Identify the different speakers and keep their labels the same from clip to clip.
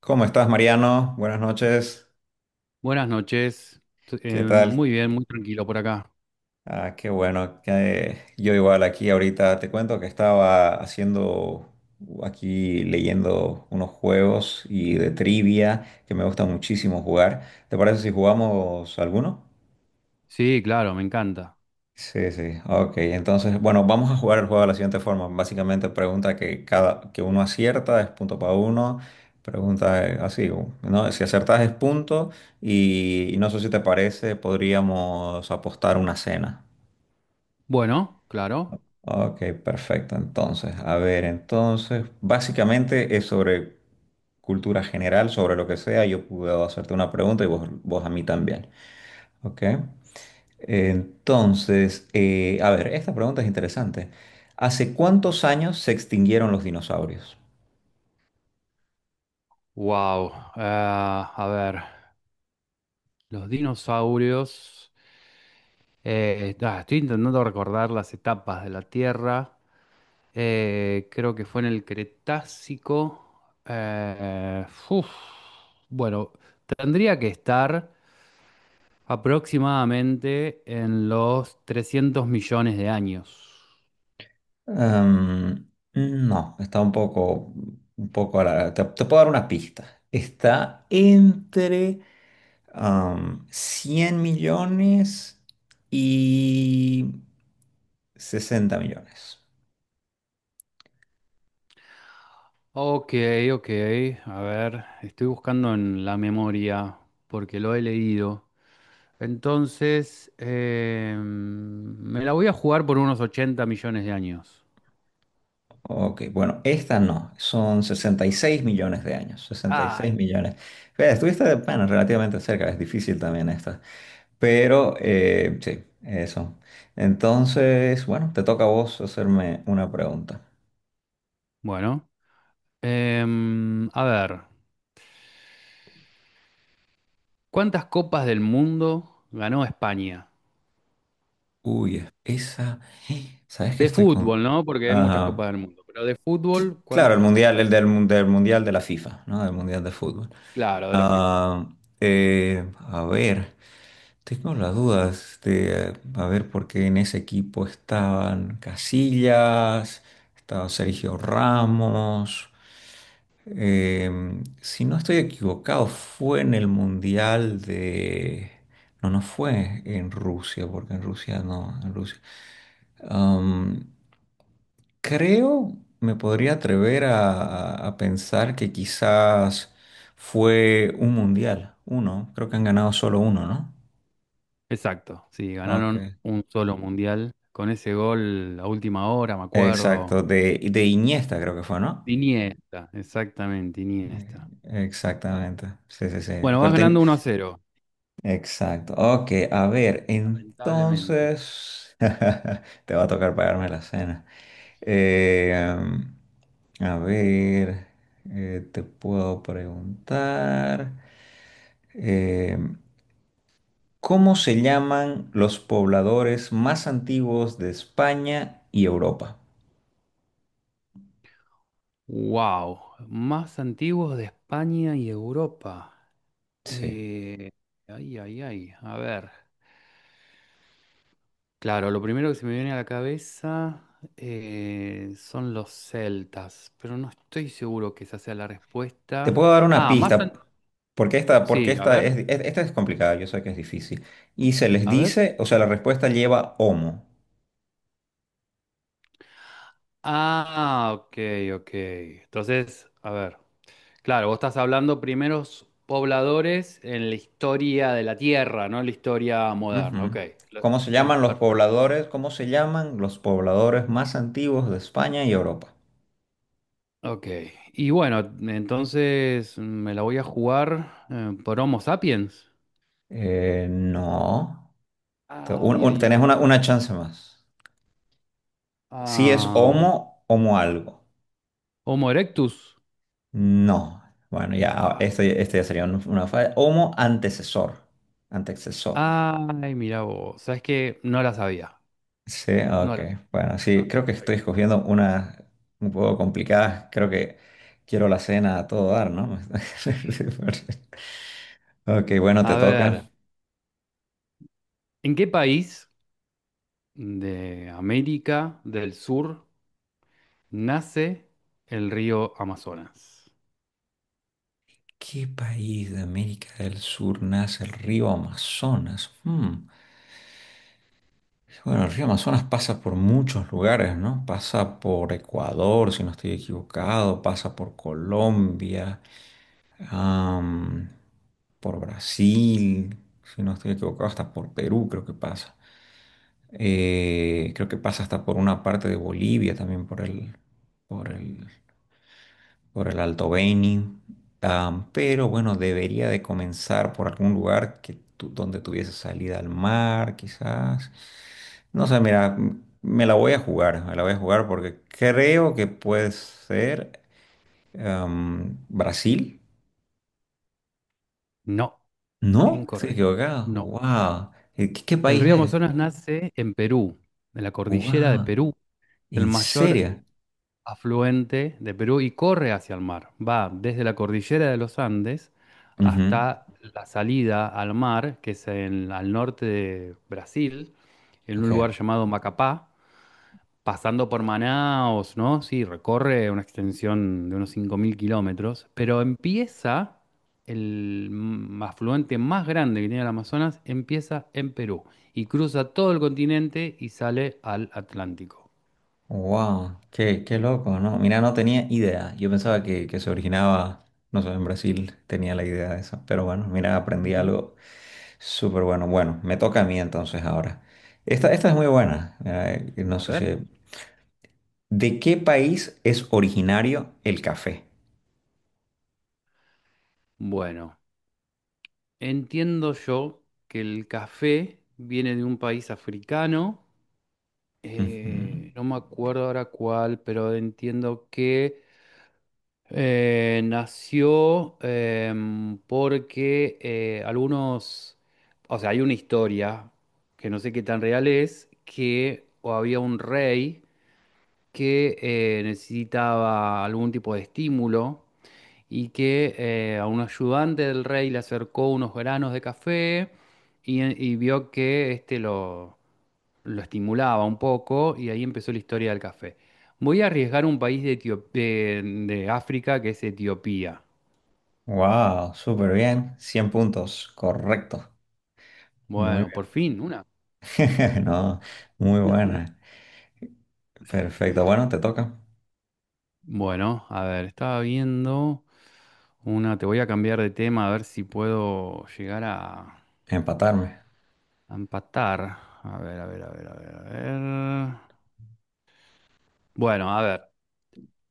Speaker 1: ¿Cómo estás, Mariano? Buenas noches.
Speaker 2: Buenas noches.
Speaker 1: ¿Qué tal?
Speaker 2: Muy bien, muy tranquilo por acá.
Speaker 1: Ah, qué bueno que yo igual aquí ahorita te cuento que estaba haciendo aquí leyendo unos juegos y de trivia que me gusta muchísimo jugar. ¿Te parece si jugamos alguno?
Speaker 2: Sí, claro, me encanta.
Speaker 1: Sí, sí, ok. Entonces, bueno, vamos a jugar el juego de la siguiente forma. Básicamente, pregunta que cada que uno acierta es punto para uno. Pregunta así, ¿no? Si acertas es punto y no sé si te parece, podríamos apostar una cena.
Speaker 2: Bueno, claro.
Speaker 1: Ok, perfecto. Entonces, a ver, entonces, básicamente es sobre cultura general, sobre lo que sea. Yo puedo hacerte una pregunta y vos a mí también. Ok. Entonces, a ver, esta pregunta es interesante. ¿Hace cuántos años se extinguieron los dinosaurios?
Speaker 2: Wow, a ver, los dinosaurios. Estoy intentando recordar las etapas de la Tierra. Creo que fue en el Cretácico. Uf. Bueno, tendría que estar aproximadamente en los 300 millones de años.
Speaker 1: Em, no, está un poco te puedo dar una pista. Está entre 100 millones y 60 millones.
Speaker 2: Ok, ok. A ver, estoy buscando en la memoria porque lo he leído. Entonces, me la voy a jugar por unos 80 millones de años.
Speaker 1: Ok, bueno, esta no, son 66 millones de años. 66
Speaker 2: Ay.
Speaker 1: millones. Fíjate, estuviste, bueno, relativamente cerca, es difícil también esta. Pero sí, eso. Entonces, bueno, te toca a vos hacerme una pregunta.
Speaker 2: Bueno, a ver, ¿cuántas copas del mundo ganó España?
Speaker 1: Uy, esa. ¿Sabes que
Speaker 2: De
Speaker 1: estoy con...?
Speaker 2: fútbol, ¿no? Porque hay muchas
Speaker 1: Ajá.
Speaker 2: copas del mundo, pero de
Speaker 1: Sí,
Speaker 2: fútbol,
Speaker 1: claro, el
Speaker 2: ¿cuántas ganó
Speaker 1: mundial,
Speaker 2: España?
Speaker 1: del mundial de la FIFA, ¿no? Del mundial de fútbol.
Speaker 2: Claro, de la FIFA.
Speaker 1: Ah, a ver, tengo las dudas de a ver por qué en ese equipo estaban Casillas, estaba Sergio Ramos. Si no estoy equivocado, fue en el Mundial de... No, no fue en Rusia, porque en Rusia no, en Rusia. Am, creo, me podría atrever a pensar que quizás fue un mundial, uno. Creo que han ganado solo uno, ¿no?
Speaker 2: Exacto, sí,
Speaker 1: Ok.
Speaker 2: ganaron un solo mundial con ese gol a última hora, me
Speaker 1: Exacto,
Speaker 2: acuerdo.
Speaker 1: de Iniesta creo que fue, ¿no?
Speaker 2: Iniesta, exactamente,
Speaker 1: Eh,
Speaker 2: Iniesta.
Speaker 1: Exactamente, sí, sí, sí.
Speaker 2: Bueno, vas
Speaker 1: Pero ten-
Speaker 2: ganando 1-0,
Speaker 1: Exacto. Ok, a ver,
Speaker 2: lamentablemente.
Speaker 1: entonces te va a tocar pagarme la cena. Eh, am, a ver, te puedo preguntar, eh, ¿cómo se llaman los pobladores más antiguos de España y Europa?
Speaker 2: Wow, más antiguos de España y Europa.
Speaker 1: Sí.
Speaker 2: Eh, ay, ay, ay, a ver. Claro, lo primero que se me viene a la cabeza son los celtas, pero no estoy seguro que esa sea la
Speaker 1: Te
Speaker 2: respuesta.
Speaker 1: puedo dar una
Speaker 2: Ah, más... an-
Speaker 1: pista, porque esta, porque
Speaker 2: Sí, a ver,
Speaker 1: esta es complicada, yo sé que es difícil. Y se les
Speaker 2: a ver.
Speaker 1: dice, o sea, la respuesta lleva homo.
Speaker 2: Ah, ok, ok. Entonces, a ver. Claro, vos estás hablando primeros pobladores en la historia de la Tierra, no la historia moderna. Ok,
Speaker 1: Ujú.
Speaker 2: lo-
Speaker 1: ¿Cómo se llaman los
Speaker 2: perfecto.
Speaker 1: pobladores? ¿Cómo se llaman los pobladores más antiguos de España y Europa?
Speaker 2: Ok, y bueno, entonces me la voy a jugar por Homo sapiens.
Speaker 1: No.
Speaker 2: Ay, ay,
Speaker 1: Tenés
Speaker 2: ay.
Speaker 1: una chance más. Si es
Speaker 2: Am,
Speaker 1: homo, homo algo.
Speaker 2: Homo erectus.
Speaker 1: No. Bueno, ya, ah,
Speaker 2: Ah,
Speaker 1: este ya sería una falla. Homo antecesor. Antecesor.
Speaker 2: ay, mira vos, sabes que no la sabía.
Speaker 1: Sí,
Speaker 2: No
Speaker 1: ok.
Speaker 2: la
Speaker 1: Bueno, sí,
Speaker 2: ah,
Speaker 1: creo que
Speaker 2: está
Speaker 1: estoy
Speaker 2: bien.
Speaker 1: escogiendo unas un poco complicadas. Creo que quiero la cena a todo dar, ¿no? Ok, bueno, te
Speaker 2: A
Speaker 1: toca.
Speaker 2: ver, ¿en qué país de América del Sur nace el río Amazonas?
Speaker 1: ¿Qué país de América del Sur nace el río Amazonas? Hmm. Bueno, el río Amazonas pasa por muchos lugares, ¿no? Pasa por Ecuador, si no estoy equivocado, pasa por Colombia, am, por Brasil, si no estoy equivocado, hasta por Perú creo que pasa. Creo que pasa hasta por una parte de Bolivia también, por el por el Alto Beni, pero bueno, debería de comenzar por algún lugar que donde tuviese salida al mar, quizás. No sé, mira, me la voy a jugar porque creo que puede ser Brasil.
Speaker 2: No,
Speaker 1: ¿No? Estoy
Speaker 2: incorrecto.
Speaker 1: equivocado.
Speaker 2: No.
Speaker 1: ¡Wow! ¿Qué
Speaker 2: El
Speaker 1: país
Speaker 2: río
Speaker 1: es?
Speaker 2: Amazonas nace en Perú, en la cordillera de
Speaker 1: ¡Wow!
Speaker 2: Perú, el
Speaker 1: ¿En
Speaker 2: mayor
Speaker 1: serio?
Speaker 2: afluente de Perú y corre hacia el mar. Va desde la cordillera de los Andes
Speaker 1: Ujú.
Speaker 2: hasta la salida al mar, que es al norte de Brasil, en
Speaker 1: Ok.
Speaker 2: un lugar llamado Macapá, pasando por Manaos, ¿no? Sí, recorre una extensión de unos 5000 kilómetros, pero empieza, el afluente más grande que tiene el Amazonas, empieza en Perú y cruza todo el continente y sale al Atlántico.
Speaker 1: Wow, qué loco, ¿no? Mira, no tenía idea. Yo pensaba que se originaba, no sé, en Brasil tenía la idea de eso. Pero bueno, mira, aprendí
Speaker 2: Ujú.
Speaker 1: algo súper bueno. Bueno, me toca a mí entonces ahora. Esta es muy buena. Mira, no
Speaker 2: A
Speaker 1: sé
Speaker 2: ver.
Speaker 1: si... ¿De qué país es originario el café?
Speaker 2: Bueno, entiendo yo que el café viene de un país africano, no me acuerdo ahora cuál, pero entiendo que... nació porque algunos, o sea, hay una historia que no sé qué tan real es, que o había un rey que necesitaba algún tipo de estímulo y que a un ayudante del rey le acercó unos granos de café y vio que este lo estimulaba un poco y ahí empezó la historia del café. Voy a arriesgar un país de Etio- de de África, que es Etiopía.
Speaker 1: Wow, súper bien. 100 puntos, correcto. Muy
Speaker 2: Bueno,
Speaker 1: bien.
Speaker 2: por fin, una.
Speaker 1: No, muy buena. Perfecto. Bueno, te toca
Speaker 2: Bueno, a ver, estaba viendo una, te voy a cambiar de tema a ver si puedo llegar
Speaker 1: empatarme.
Speaker 2: a empatar. A ver, a ver, a ver, a ver, a ver. Bueno, a ver,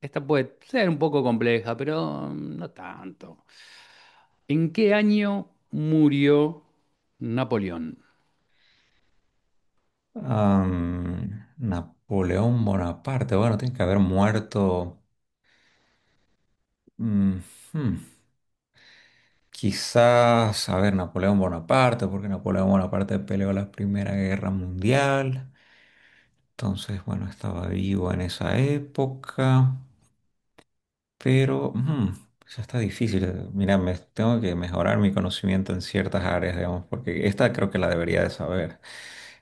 Speaker 2: esta puede ser un poco compleja, pero no tanto. ¿En qué año murió Napoleón?
Speaker 1: Napoleón Bonaparte, bueno, tiene que haber muerto. mm, hmm, quizás, a ver, Napoleón Bonaparte, porque Napoleón Bonaparte peleó la Primera Guerra Mundial. Entonces, bueno, estaba vivo en esa época, pero ya está difícil. Mira, me, tengo que mejorar mi conocimiento en ciertas áreas, digamos, porque esta creo que la debería de saber.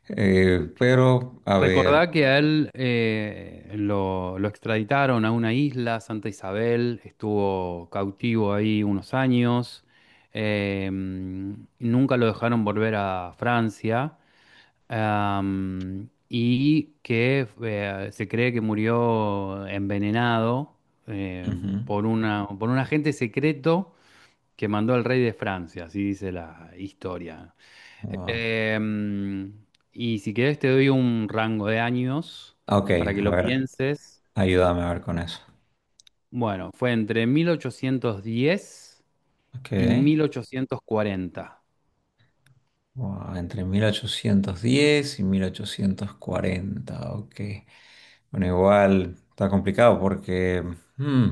Speaker 1: Pero, a ver.
Speaker 2: Recordá que a él lo extraditaron a una isla, Santa Isabel, estuvo cautivo ahí unos años, nunca lo dejaron volver a Francia, y que se cree que murió envenenado, eh,
Speaker 1: Ujú,
Speaker 2: por un agente secreto que mandó al rey de Francia, así dice la historia.
Speaker 1: wow.
Speaker 2: Em, y si querés te doy un rango de años
Speaker 1: Ok,
Speaker 2: para que
Speaker 1: a
Speaker 2: lo
Speaker 1: ver.
Speaker 2: pienses.
Speaker 1: Ayúdame a ver con eso.
Speaker 2: Bueno, fue entre 1810
Speaker 1: Ok.
Speaker 2: y 1840.
Speaker 1: Wow, entre 1810 y 1840. Ok. Bueno, igual está complicado porque hmm,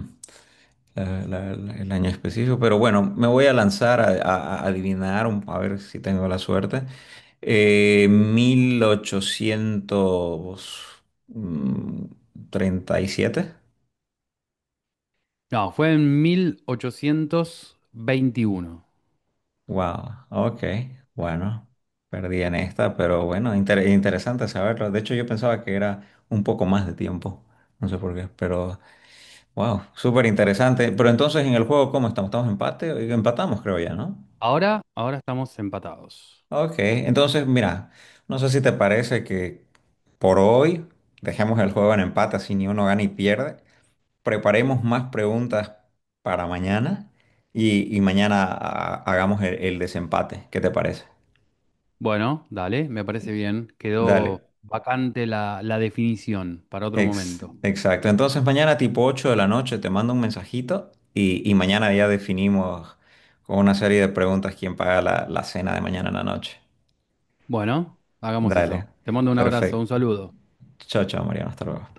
Speaker 1: el año específico. Pero bueno, me voy a lanzar a adivinar, a ver si tengo la suerte. 1837.
Speaker 2: No, fue en 1821.
Speaker 1: Wow, ok, bueno, perdí en esta, pero bueno, interesante saberlo. De hecho, yo pensaba que era un poco más de tiempo, no sé por qué, pero wow, súper interesante. Pero entonces en el juego, ¿cómo estamos? ¿Estamos empate? Empatamos, creo ya, ¿no?
Speaker 2: Ahora, ahora estamos empatados.
Speaker 1: Ok, entonces mira, no sé si te parece que por hoy dejemos el juego en empate, así ni uno gana y pierde. Preparemos más preguntas para mañana y mañana ah, hagamos el desempate. ¿Qué te parece?
Speaker 2: Bueno, dale, me parece bien. Quedó
Speaker 1: Dale.
Speaker 2: vacante la definición para otro momento.
Speaker 1: Exacto. Entonces mañana tipo 8 de la noche te mando un mensajito y mañana ya definimos con una serie de preguntas quién paga la cena de mañana en la noche.
Speaker 2: Bueno, hagamos eso.
Speaker 1: Dale.
Speaker 2: Te mando un abrazo, un
Speaker 1: Perfecto.
Speaker 2: saludo.
Speaker 1: Chao, chao, Mariano. Hasta luego.